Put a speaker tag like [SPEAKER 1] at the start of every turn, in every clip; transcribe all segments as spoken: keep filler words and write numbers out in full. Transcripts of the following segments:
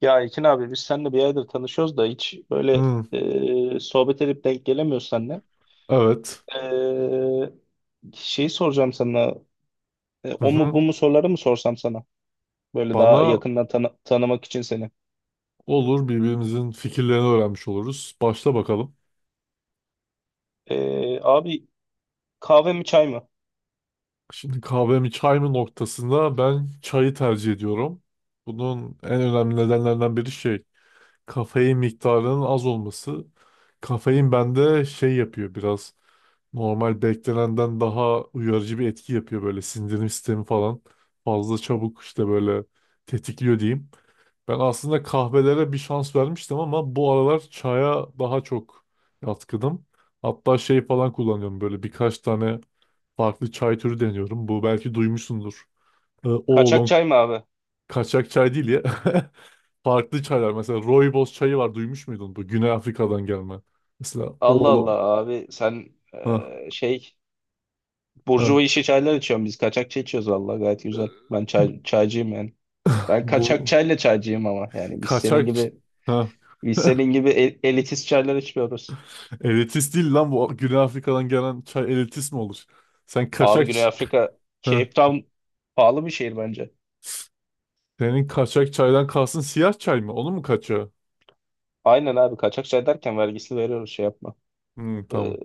[SPEAKER 1] Ya Ekin abi biz seninle bir aydır tanışıyoruz da hiç böyle
[SPEAKER 2] Hmm,
[SPEAKER 1] e, sohbet edip denk gelemiyoruz seninle.
[SPEAKER 2] evet.
[SPEAKER 1] E, Şeyi soracağım sana. E,
[SPEAKER 2] Hı
[SPEAKER 1] o mu
[SPEAKER 2] hı.
[SPEAKER 1] bu mu soruları mı sorsam sana? Böyle daha
[SPEAKER 2] Bana
[SPEAKER 1] yakından tanı- tanımak için seni.
[SPEAKER 2] olur birbirimizin fikirlerini öğrenmiş oluruz. Başla bakalım.
[SPEAKER 1] E, abi, kahve mi çay mı?
[SPEAKER 2] Şimdi kahve mi çay mı noktasında ben çayı tercih ediyorum. Bunun en önemli nedenlerinden biri şey, kafein miktarının az olması. Kafein bende şey yapıyor biraz. Normal beklenenden daha uyarıcı bir etki yapıyor böyle sindirim sistemi falan. Fazla çabuk işte böyle tetikliyor diyeyim. Ben aslında kahvelere bir şans vermiştim ama bu aralar çaya daha çok yatkınım. Hatta şey falan kullanıyorum böyle birkaç tane farklı çay türü deniyorum. Bu belki duymuşsundur. Ee,
[SPEAKER 1] Kaçak
[SPEAKER 2] oolong
[SPEAKER 1] çay mı abi?
[SPEAKER 2] kaçak çay değil ya. Farklı çaylar. Mesela rooibos çayı var duymuş muydun? Bu Güney Afrika'dan gelme. Mesela
[SPEAKER 1] Allah Allah
[SPEAKER 2] oolong.
[SPEAKER 1] abi, sen
[SPEAKER 2] Ha,
[SPEAKER 1] e, şey burjuva
[SPEAKER 2] ha.
[SPEAKER 1] işi çaylar içiyorsun, biz kaçak çay içiyoruz, vallahi gayet güzel. Ben çay, çaycıyım yani. Ben kaçak
[SPEAKER 2] Bu
[SPEAKER 1] çayla çaycıyım, ama yani biz senin
[SPEAKER 2] kaçak...
[SPEAKER 1] gibi
[SPEAKER 2] Ha.
[SPEAKER 1] biz senin gibi el- elitist çaylar içmiyoruz.
[SPEAKER 2] Elitist değil lan, bu Güney Afrika'dan gelen çay elitist mi olur? Sen
[SPEAKER 1] Abi
[SPEAKER 2] kaçak...
[SPEAKER 1] Güney Afrika,
[SPEAKER 2] Ha.
[SPEAKER 1] Cape Town pahalı bir şehir bence.
[SPEAKER 2] Senin kaçak çaydan kalsın, siyah çay mı? Onun mu kaçağı?
[SPEAKER 1] Aynen abi, kaçak şey derken vergisini veriyoruz, şey yapma.
[SPEAKER 2] Hmm,
[SPEAKER 1] Ee,
[SPEAKER 2] tamam.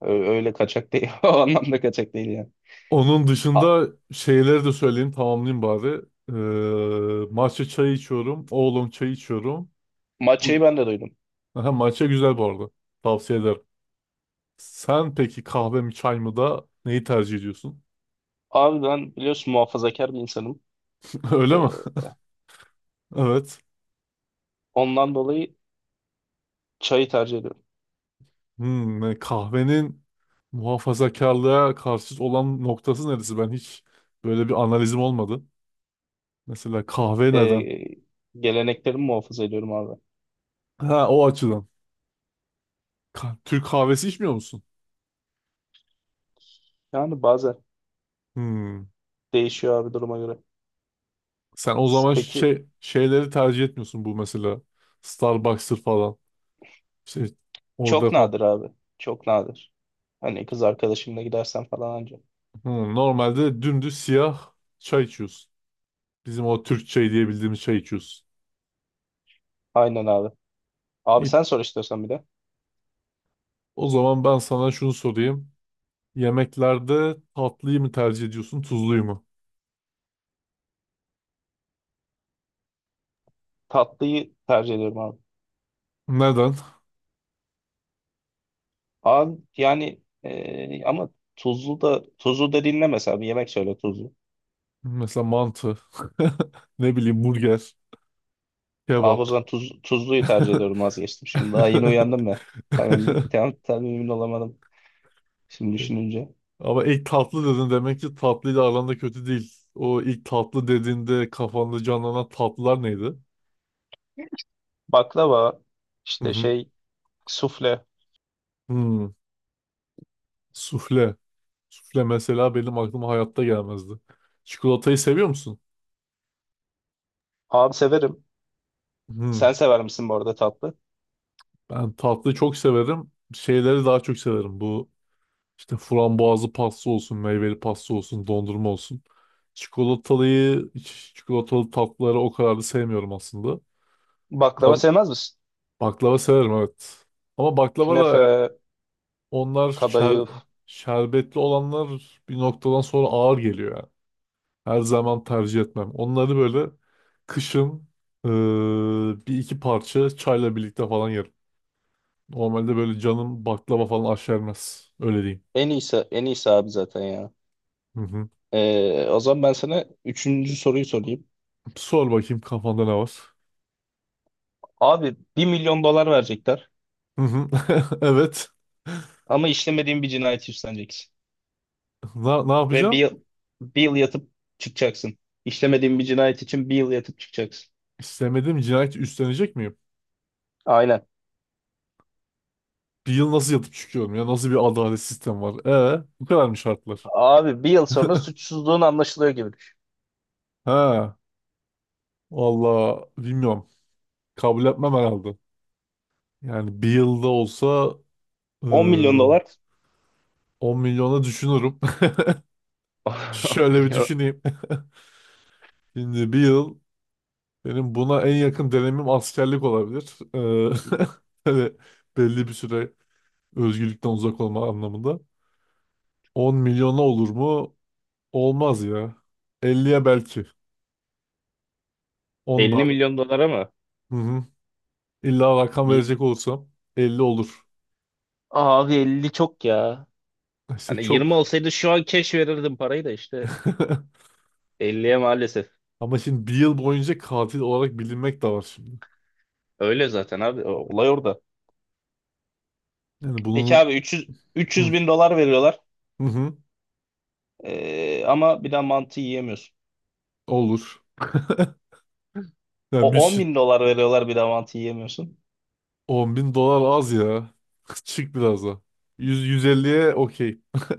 [SPEAKER 1] ö- Öyle kaçak değil. O anlamda kaçak değil yani.
[SPEAKER 2] Onun
[SPEAKER 1] A,
[SPEAKER 2] dışında şeyleri de söyleyeyim, tamamlayayım bari. Ee, matcha çayı içiyorum. Oolong çayı içiyorum. Bu,
[SPEAKER 1] matchayı ben de duydum.
[SPEAKER 2] aha, matcha güzel bu arada. Tavsiye ederim. Sen peki kahve mi çay mı, da neyi tercih ediyorsun?
[SPEAKER 1] Abi, ben biliyorsun muhafazakar bir insanım.
[SPEAKER 2] Öyle mi?
[SPEAKER 1] Ee,
[SPEAKER 2] Evet.
[SPEAKER 1] Ondan dolayı çayı tercih ediyorum.
[SPEAKER 2] Hmm, yani kahvenin muhafazakarlığa karşı olan noktası neresi? Ben hiç böyle bir analizim olmadı. Mesela kahve neden?
[SPEAKER 1] Ee, Geleneklerimi muhafaza ediyorum abi.
[SPEAKER 2] Ha, o açıdan. Ka- Türk kahvesi içmiyor musun?
[SPEAKER 1] Yani bazen
[SPEAKER 2] Hmm.
[SPEAKER 1] değişiyor abi, duruma göre.
[SPEAKER 2] Sen o zaman
[SPEAKER 1] Peki,
[SPEAKER 2] şey şeyleri tercih etmiyorsun, bu mesela. Starbucks'tır falan. İşte orada
[SPEAKER 1] çok
[SPEAKER 2] falan.
[SPEAKER 1] nadir abi. Çok nadir. Hani kız arkadaşımla gidersen falan anca.
[SPEAKER 2] Hmm, Normalde dümdüz siyah çay içiyorsun. Bizim o Türk çayı diye bildiğimiz çay içiyorsun.
[SPEAKER 1] Aynen abi. Abi
[SPEAKER 2] İ-
[SPEAKER 1] sen sor istiyorsan bir de.
[SPEAKER 2] O zaman ben sana şunu sorayım. Yemeklerde tatlıyı mı tercih ediyorsun, tuzluyu mu?
[SPEAKER 1] Tatlıyı tercih ediyorum abi.
[SPEAKER 2] Neden?
[SPEAKER 1] Abi yani e, ama tuzlu da, tuzlu da dinle, mesela bir yemek söyle tuzlu.
[SPEAKER 2] Mesela mantı, ne bileyim, burger,
[SPEAKER 1] Abi, o
[SPEAKER 2] kebap.
[SPEAKER 1] zaman tuz, tuzluyu tercih ediyorum, vazgeçtim. Şimdi daha yeni uyandım ya. Tam, emin- tam, tam emin olamadım şimdi düşününce.
[SPEAKER 2] Ama ilk tatlı dedin, demek ki tatlıyla aranda kötü değil. O ilk tatlı dediğinde kafanda canlanan tatlılar neydi?
[SPEAKER 1] Baklava,
[SPEAKER 2] Hı
[SPEAKER 1] işte
[SPEAKER 2] hı.
[SPEAKER 1] şey, sufle.
[SPEAKER 2] Hmm, Sufle. Sufle mesela benim aklıma hayatta gelmezdi. Çikolatayı seviyor musun?
[SPEAKER 1] Abi severim. Sen
[SPEAKER 2] Hmm,
[SPEAKER 1] sever misin bu arada, tatlı?
[SPEAKER 2] Ben tatlıyı çok severim. Şeyleri daha çok severim. Bu işte, frambuazlı pasta olsun, meyveli pasta olsun, dondurma olsun. Çikolatalıyı, çikolatalı tatlıları o kadar da sevmiyorum aslında. Ya,
[SPEAKER 1] Baklava sevmez misin?
[SPEAKER 2] baklava severim, evet. Ama baklava da...
[SPEAKER 1] Künefe,
[SPEAKER 2] Onlar şer,
[SPEAKER 1] kadayıf.
[SPEAKER 2] şerbetli olanlar bir noktadan sonra ağır geliyor yani. Her zaman tercih etmem. Onları böyle kışın, eee, bir iki parça çayla birlikte falan yerim. Normalde böyle canım baklava falan aşermez. Öyle diyeyim.
[SPEAKER 1] En iyisi, en iyisi abi zaten ya.
[SPEAKER 2] Hı hı.
[SPEAKER 1] E, o zaman ben sana üçüncü soruyu sorayım.
[SPEAKER 2] Sor bakayım, kafanda ne var?
[SPEAKER 1] Abi, bir milyon dolar verecekler.
[SPEAKER 2] Hı hı. Evet.
[SPEAKER 1] Ama işlemediğin bir cinayet üstleneceksin.
[SPEAKER 2] Ne, ne
[SPEAKER 1] Ve bir
[SPEAKER 2] yapacağım?
[SPEAKER 1] yıl, bir yıl yatıp çıkacaksın. İşlemediğin bir cinayet için bir yıl yatıp çıkacaksın.
[SPEAKER 2] İstemediğim cinayeti üstlenecek miyim?
[SPEAKER 1] Aynen.
[SPEAKER 2] Bir yıl nasıl yatıp çıkıyorum ya? Nasıl bir adalet sistemi var? Ee, bu kadar mı şartlar?
[SPEAKER 1] Abi bir yıl sonra suçsuzluğun anlaşılıyor gibi düşün.
[SPEAKER 2] Ha, valla bilmiyorum. Kabul etmem herhalde. Yani bir yılda olsa, eee
[SPEAKER 1] on milyon dolar.
[SPEAKER 2] on milyona düşünürüm. Şöyle bir
[SPEAKER 1] Ya,
[SPEAKER 2] düşüneyim. Şimdi bir yıl, benim buna en yakın dönemim askerlik olabilir. Eee böyle belli bir süre özgürlükten uzak olma anlamında. on milyona olur mu? Olmaz ya. elliye belki.
[SPEAKER 1] elli
[SPEAKER 2] ondan.
[SPEAKER 1] milyon dolar ama
[SPEAKER 2] Hı hı. İlla rakam
[SPEAKER 1] bir
[SPEAKER 2] verecek olursam elli olur.
[SPEAKER 1] abi, elli çok ya.
[SPEAKER 2] İşte
[SPEAKER 1] Hani yirmi
[SPEAKER 2] çok.
[SPEAKER 1] olsaydı şu an cash verirdim parayı da, işte elliye maalesef.
[SPEAKER 2] Ama şimdi bir yıl boyunca katil olarak bilinmek de var şimdi.
[SPEAKER 1] Öyle zaten abi. o- Olay orada.
[SPEAKER 2] Yani
[SPEAKER 1] Peki
[SPEAKER 2] bunun...
[SPEAKER 1] abi, 300
[SPEAKER 2] Hı.
[SPEAKER 1] 300 bin dolar veriyorlar.
[SPEAKER 2] Hı hı.
[SPEAKER 1] Ee, ama bir daha mantı yiyemiyorsun.
[SPEAKER 2] Olur. Ya bir
[SPEAKER 1] O on
[SPEAKER 2] şey.
[SPEAKER 1] bin dolar veriyorlar, bir daha mantı yiyemiyorsun.
[SPEAKER 2] On bin dolar az ya. Çık biraz da. Yüz, 150'ye okey.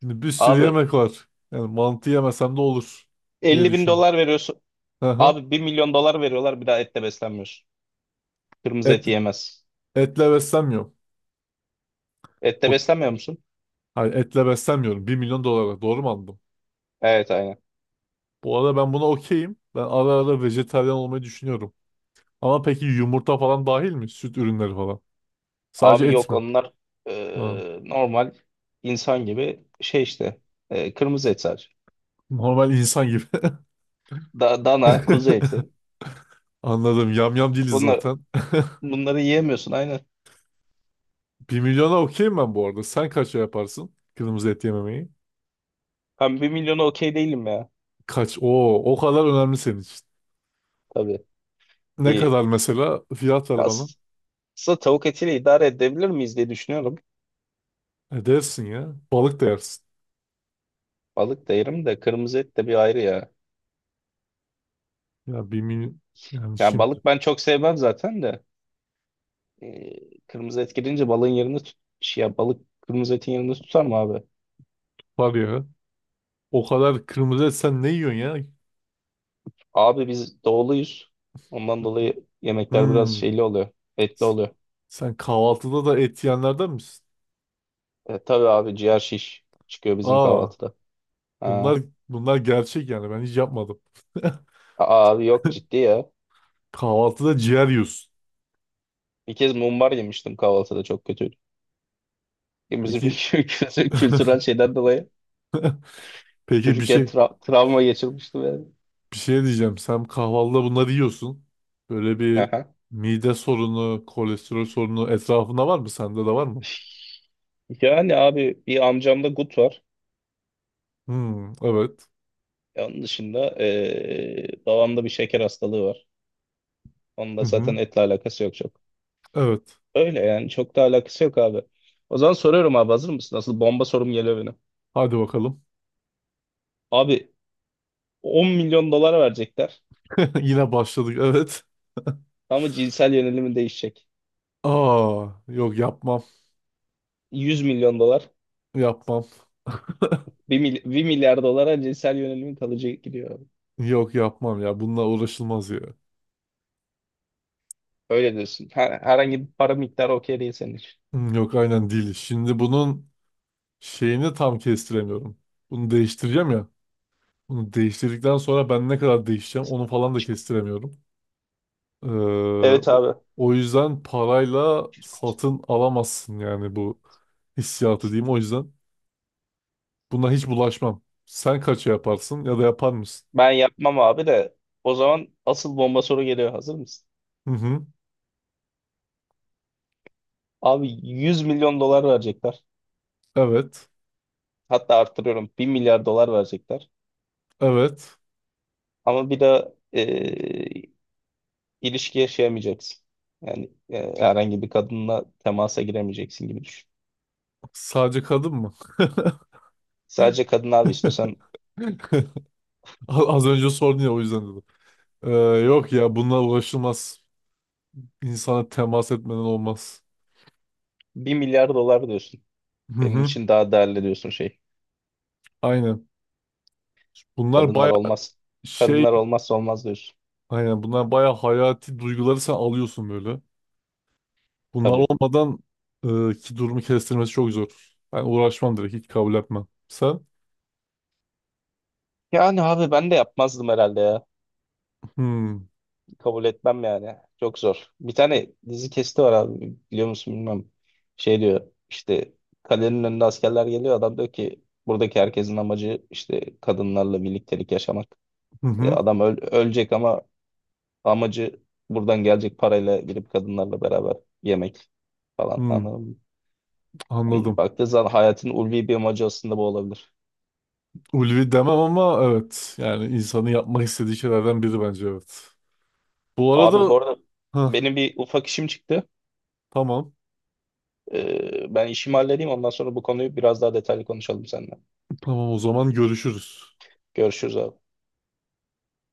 [SPEAKER 2] Şimdi bir sürü
[SPEAKER 1] Abi,
[SPEAKER 2] yemek var. Yani mantı yemesem de olur diye
[SPEAKER 1] elli bin
[SPEAKER 2] düşün.
[SPEAKER 1] dolar veriyorsun.
[SPEAKER 2] Hı hı.
[SPEAKER 1] Abi, bir milyon dolar veriyorlar, bir daha etle beslenmiyorsun. Kırmızı
[SPEAKER 2] Et,
[SPEAKER 1] et yiyemez.
[SPEAKER 2] etle beslenmiyorum. O,
[SPEAKER 1] Etle beslenmiyor musun?
[SPEAKER 2] hayır, etle beslenmiyorum. Bir milyon dolara. Doğru mu anladım?
[SPEAKER 1] Evet, aynen.
[SPEAKER 2] Bu arada ben buna okeyim. Ben ara ara vejetaryen olmayı düşünüyorum. Ama peki yumurta falan dahil mi? Süt ürünleri falan. Sadece
[SPEAKER 1] Abi
[SPEAKER 2] et
[SPEAKER 1] yok,
[SPEAKER 2] mi?
[SPEAKER 1] onlar
[SPEAKER 2] Ha.
[SPEAKER 1] e, normal insan gibi şey işte, e, kırmızı et sadece.
[SPEAKER 2] Normal insan gibi.
[SPEAKER 1] Da- dana, kuzu eti.
[SPEAKER 2] Anladım. Yamyam değiliz
[SPEAKER 1] Bunlar,
[SPEAKER 2] zaten.
[SPEAKER 1] Bunları yiyemiyorsun aynen.
[SPEAKER 2] Bir milyona okeyim ben bu arada. Sen kaça yaparsın kırmızı et yememeyi?
[SPEAKER 1] Ben bir milyona okey değilim ya.
[SPEAKER 2] Kaç? Oo, o kadar önemli senin için.
[SPEAKER 1] Tabii,
[SPEAKER 2] Ne
[SPEAKER 1] bir
[SPEAKER 2] kadar mesela? Fiyat ver bana.
[SPEAKER 1] aslında tavuk etiyle idare edebilir miyiz diye düşünüyorum.
[SPEAKER 2] E dersin ya. Balık da yersin.
[SPEAKER 1] Balık da yerim de, kırmızı et de bir ayrı ya.
[SPEAKER 2] Ya bir milyon. Yani
[SPEAKER 1] Ya
[SPEAKER 2] şimdi
[SPEAKER 1] balık ben çok sevmem zaten de. Ee, kırmızı et gelince balığın yerini tut şey ya, balık kırmızı etin yerini tutar mı abi?
[SPEAKER 2] var ya, o kadar kırmızı et sen ne yiyorsun ya?
[SPEAKER 1] Abi biz doğuluyuz. Ondan dolayı yemekler biraz
[SPEAKER 2] Hmm.
[SPEAKER 1] şeyli oluyor. Etli oluyor.
[SPEAKER 2] Sen kahvaltıda da et yiyenlerden misin?
[SPEAKER 1] E, tabii abi, ciğer şiş çıkıyor bizim
[SPEAKER 2] Aa,
[SPEAKER 1] kahvaltıda.
[SPEAKER 2] bunlar
[SPEAKER 1] Ha.
[SPEAKER 2] bunlar gerçek yani. Ben hiç yapmadım.
[SPEAKER 1] Aa, abi yok, ciddi ya.
[SPEAKER 2] Kahvaltıda ciğer yiyorsun.
[SPEAKER 1] Bir kez mumbar yemiştim kahvaltıda, çok kötüydü. E, Bizim
[SPEAKER 2] Peki
[SPEAKER 1] kültü- kültürel şeyden dolayı
[SPEAKER 2] peki bir
[SPEAKER 1] çocukken
[SPEAKER 2] şey
[SPEAKER 1] tra- travma geçirmiştim yani.
[SPEAKER 2] Bir şey diyeceğim. Sen kahvaltıda bunları yiyorsun. Böyle bir
[SPEAKER 1] Aha.
[SPEAKER 2] mide sorunu, kolesterol sorunu etrafında var mı? Sende de var mı?
[SPEAKER 1] Yani abi, bir amcamda gut var.
[SPEAKER 2] Hmm, evet.
[SPEAKER 1] E, Onun dışında e, babamda bir şeker hastalığı var. Onun
[SPEAKER 2] Hı
[SPEAKER 1] da zaten
[SPEAKER 2] hı,
[SPEAKER 1] etle alakası yok çok.
[SPEAKER 2] evet.
[SPEAKER 1] Öyle yani, çok da alakası yok abi. O zaman soruyorum abi, hazır mısın? Nasıl bomba sorum geliyor benim.
[SPEAKER 2] Hadi bakalım.
[SPEAKER 1] Abi, on milyon dolar verecekler
[SPEAKER 2] Yine başladık. Evet.
[SPEAKER 1] ama cinsel yönelimi değişecek.
[SPEAKER 2] Aa, yok yapmam.
[SPEAKER 1] yüz milyon dolar.
[SPEAKER 2] Yapmam.
[SPEAKER 1] bir mil- bir milyar dolara cinsel yönelimin kalıcı gidiyor abi.
[SPEAKER 2] Yok yapmam ya. Bununla uğraşılmaz ya.
[SPEAKER 1] Öyle diyorsun. Her- herhangi bir para miktarı okey değil senin için.
[SPEAKER 2] Hmm, yok aynen değil. Şimdi bunun şeyini tam kestiremiyorum. Bunu değiştireceğim ya. Bunu değiştirdikten sonra ben ne kadar değişeceğim, onu falan da
[SPEAKER 1] Açık.
[SPEAKER 2] kestiremiyorum. Ee,
[SPEAKER 1] Evet
[SPEAKER 2] o
[SPEAKER 1] abi.
[SPEAKER 2] o yüzden parayla satın alamazsın, yani bu hissiyatı diyeyim. O yüzden buna hiç bulaşmam. Sen kaça yaparsın, ya da yapar mısın?
[SPEAKER 1] Ben yapmam abi de, o zaman asıl bomba soru geliyor. Hazır mısın?
[SPEAKER 2] Hı hı.
[SPEAKER 1] Abi, yüz milyon dolar verecekler.
[SPEAKER 2] Evet.
[SPEAKER 1] Hatta artırıyorum, bir milyar dolar verecekler.
[SPEAKER 2] Evet.
[SPEAKER 1] Ama bir de e, ilişki yaşayamayacaksın. Yani e, herhangi bir kadınla temasa giremeyeceksin gibi düşün.
[SPEAKER 2] Sadece kadın mı?
[SPEAKER 1] Sadece kadın abi, istiyorsan
[SPEAKER 2] A- Az önce sordun ya, o yüzden dedim. Ee, yok ya, bunlar uğraşılmaz. İnsana temas etmeden olmaz.
[SPEAKER 1] bir milyar dolar diyorsun.
[SPEAKER 2] Hı
[SPEAKER 1] Benim
[SPEAKER 2] hı.
[SPEAKER 1] için daha değerli diyorsun şey.
[SPEAKER 2] Aynen. Bunlar
[SPEAKER 1] Kadınlar
[SPEAKER 2] baya
[SPEAKER 1] olmaz.
[SPEAKER 2] şey
[SPEAKER 1] Kadınlar olmazsa olmaz diyorsun.
[SPEAKER 2] aynen Bunlar baya hayati duyguları sen alıyorsun böyle. Bunlar
[SPEAKER 1] Tabii.
[SPEAKER 2] olmadan, e, ki durumu kestirmesi çok zor. Ben uğraşmam, direkt hiç kabul etmem. Sen?
[SPEAKER 1] Yani abi ben de yapmazdım herhalde ya.
[SPEAKER 2] Hmm,
[SPEAKER 1] Kabul etmem yani. Çok zor. Bir tane dizi kesti var abi. Biliyor musun bilmiyorum. Şey diyor işte, kalenin önünde askerler geliyor. Adam diyor ki, buradaki herkesin amacı işte kadınlarla birliktelik yaşamak.
[SPEAKER 2] hı
[SPEAKER 1] E,
[SPEAKER 2] hı,
[SPEAKER 1] adam öl- ölecek ama amacı buradan gelecek parayla girip kadınlarla beraber yemek falan.
[SPEAKER 2] hmm,
[SPEAKER 1] Anladın mı? Hani
[SPEAKER 2] anladım.
[SPEAKER 1] baktığı zaman, hayatın ulvi bir amacı aslında bu olabilir.
[SPEAKER 2] Ulvi demem ama evet. Yani insanın yapmak istediği şeylerden biri, bence evet. Bu
[SPEAKER 1] Abi
[SPEAKER 2] arada...
[SPEAKER 1] bu arada
[SPEAKER 2] Heh,
[SPEAKER 1] benim bir ufak işim çıktı.
[SPEAKER 2] tamam.
[SPEAKER 1] E, ben işimi halledeyim, ondan sonra bu konuyu biraz daha detaylı konuşalım seninle.
[SPEAKER 2] Tamam, o zaman görüşürüz.
[SPEAKER 1] Görüşürüz abi.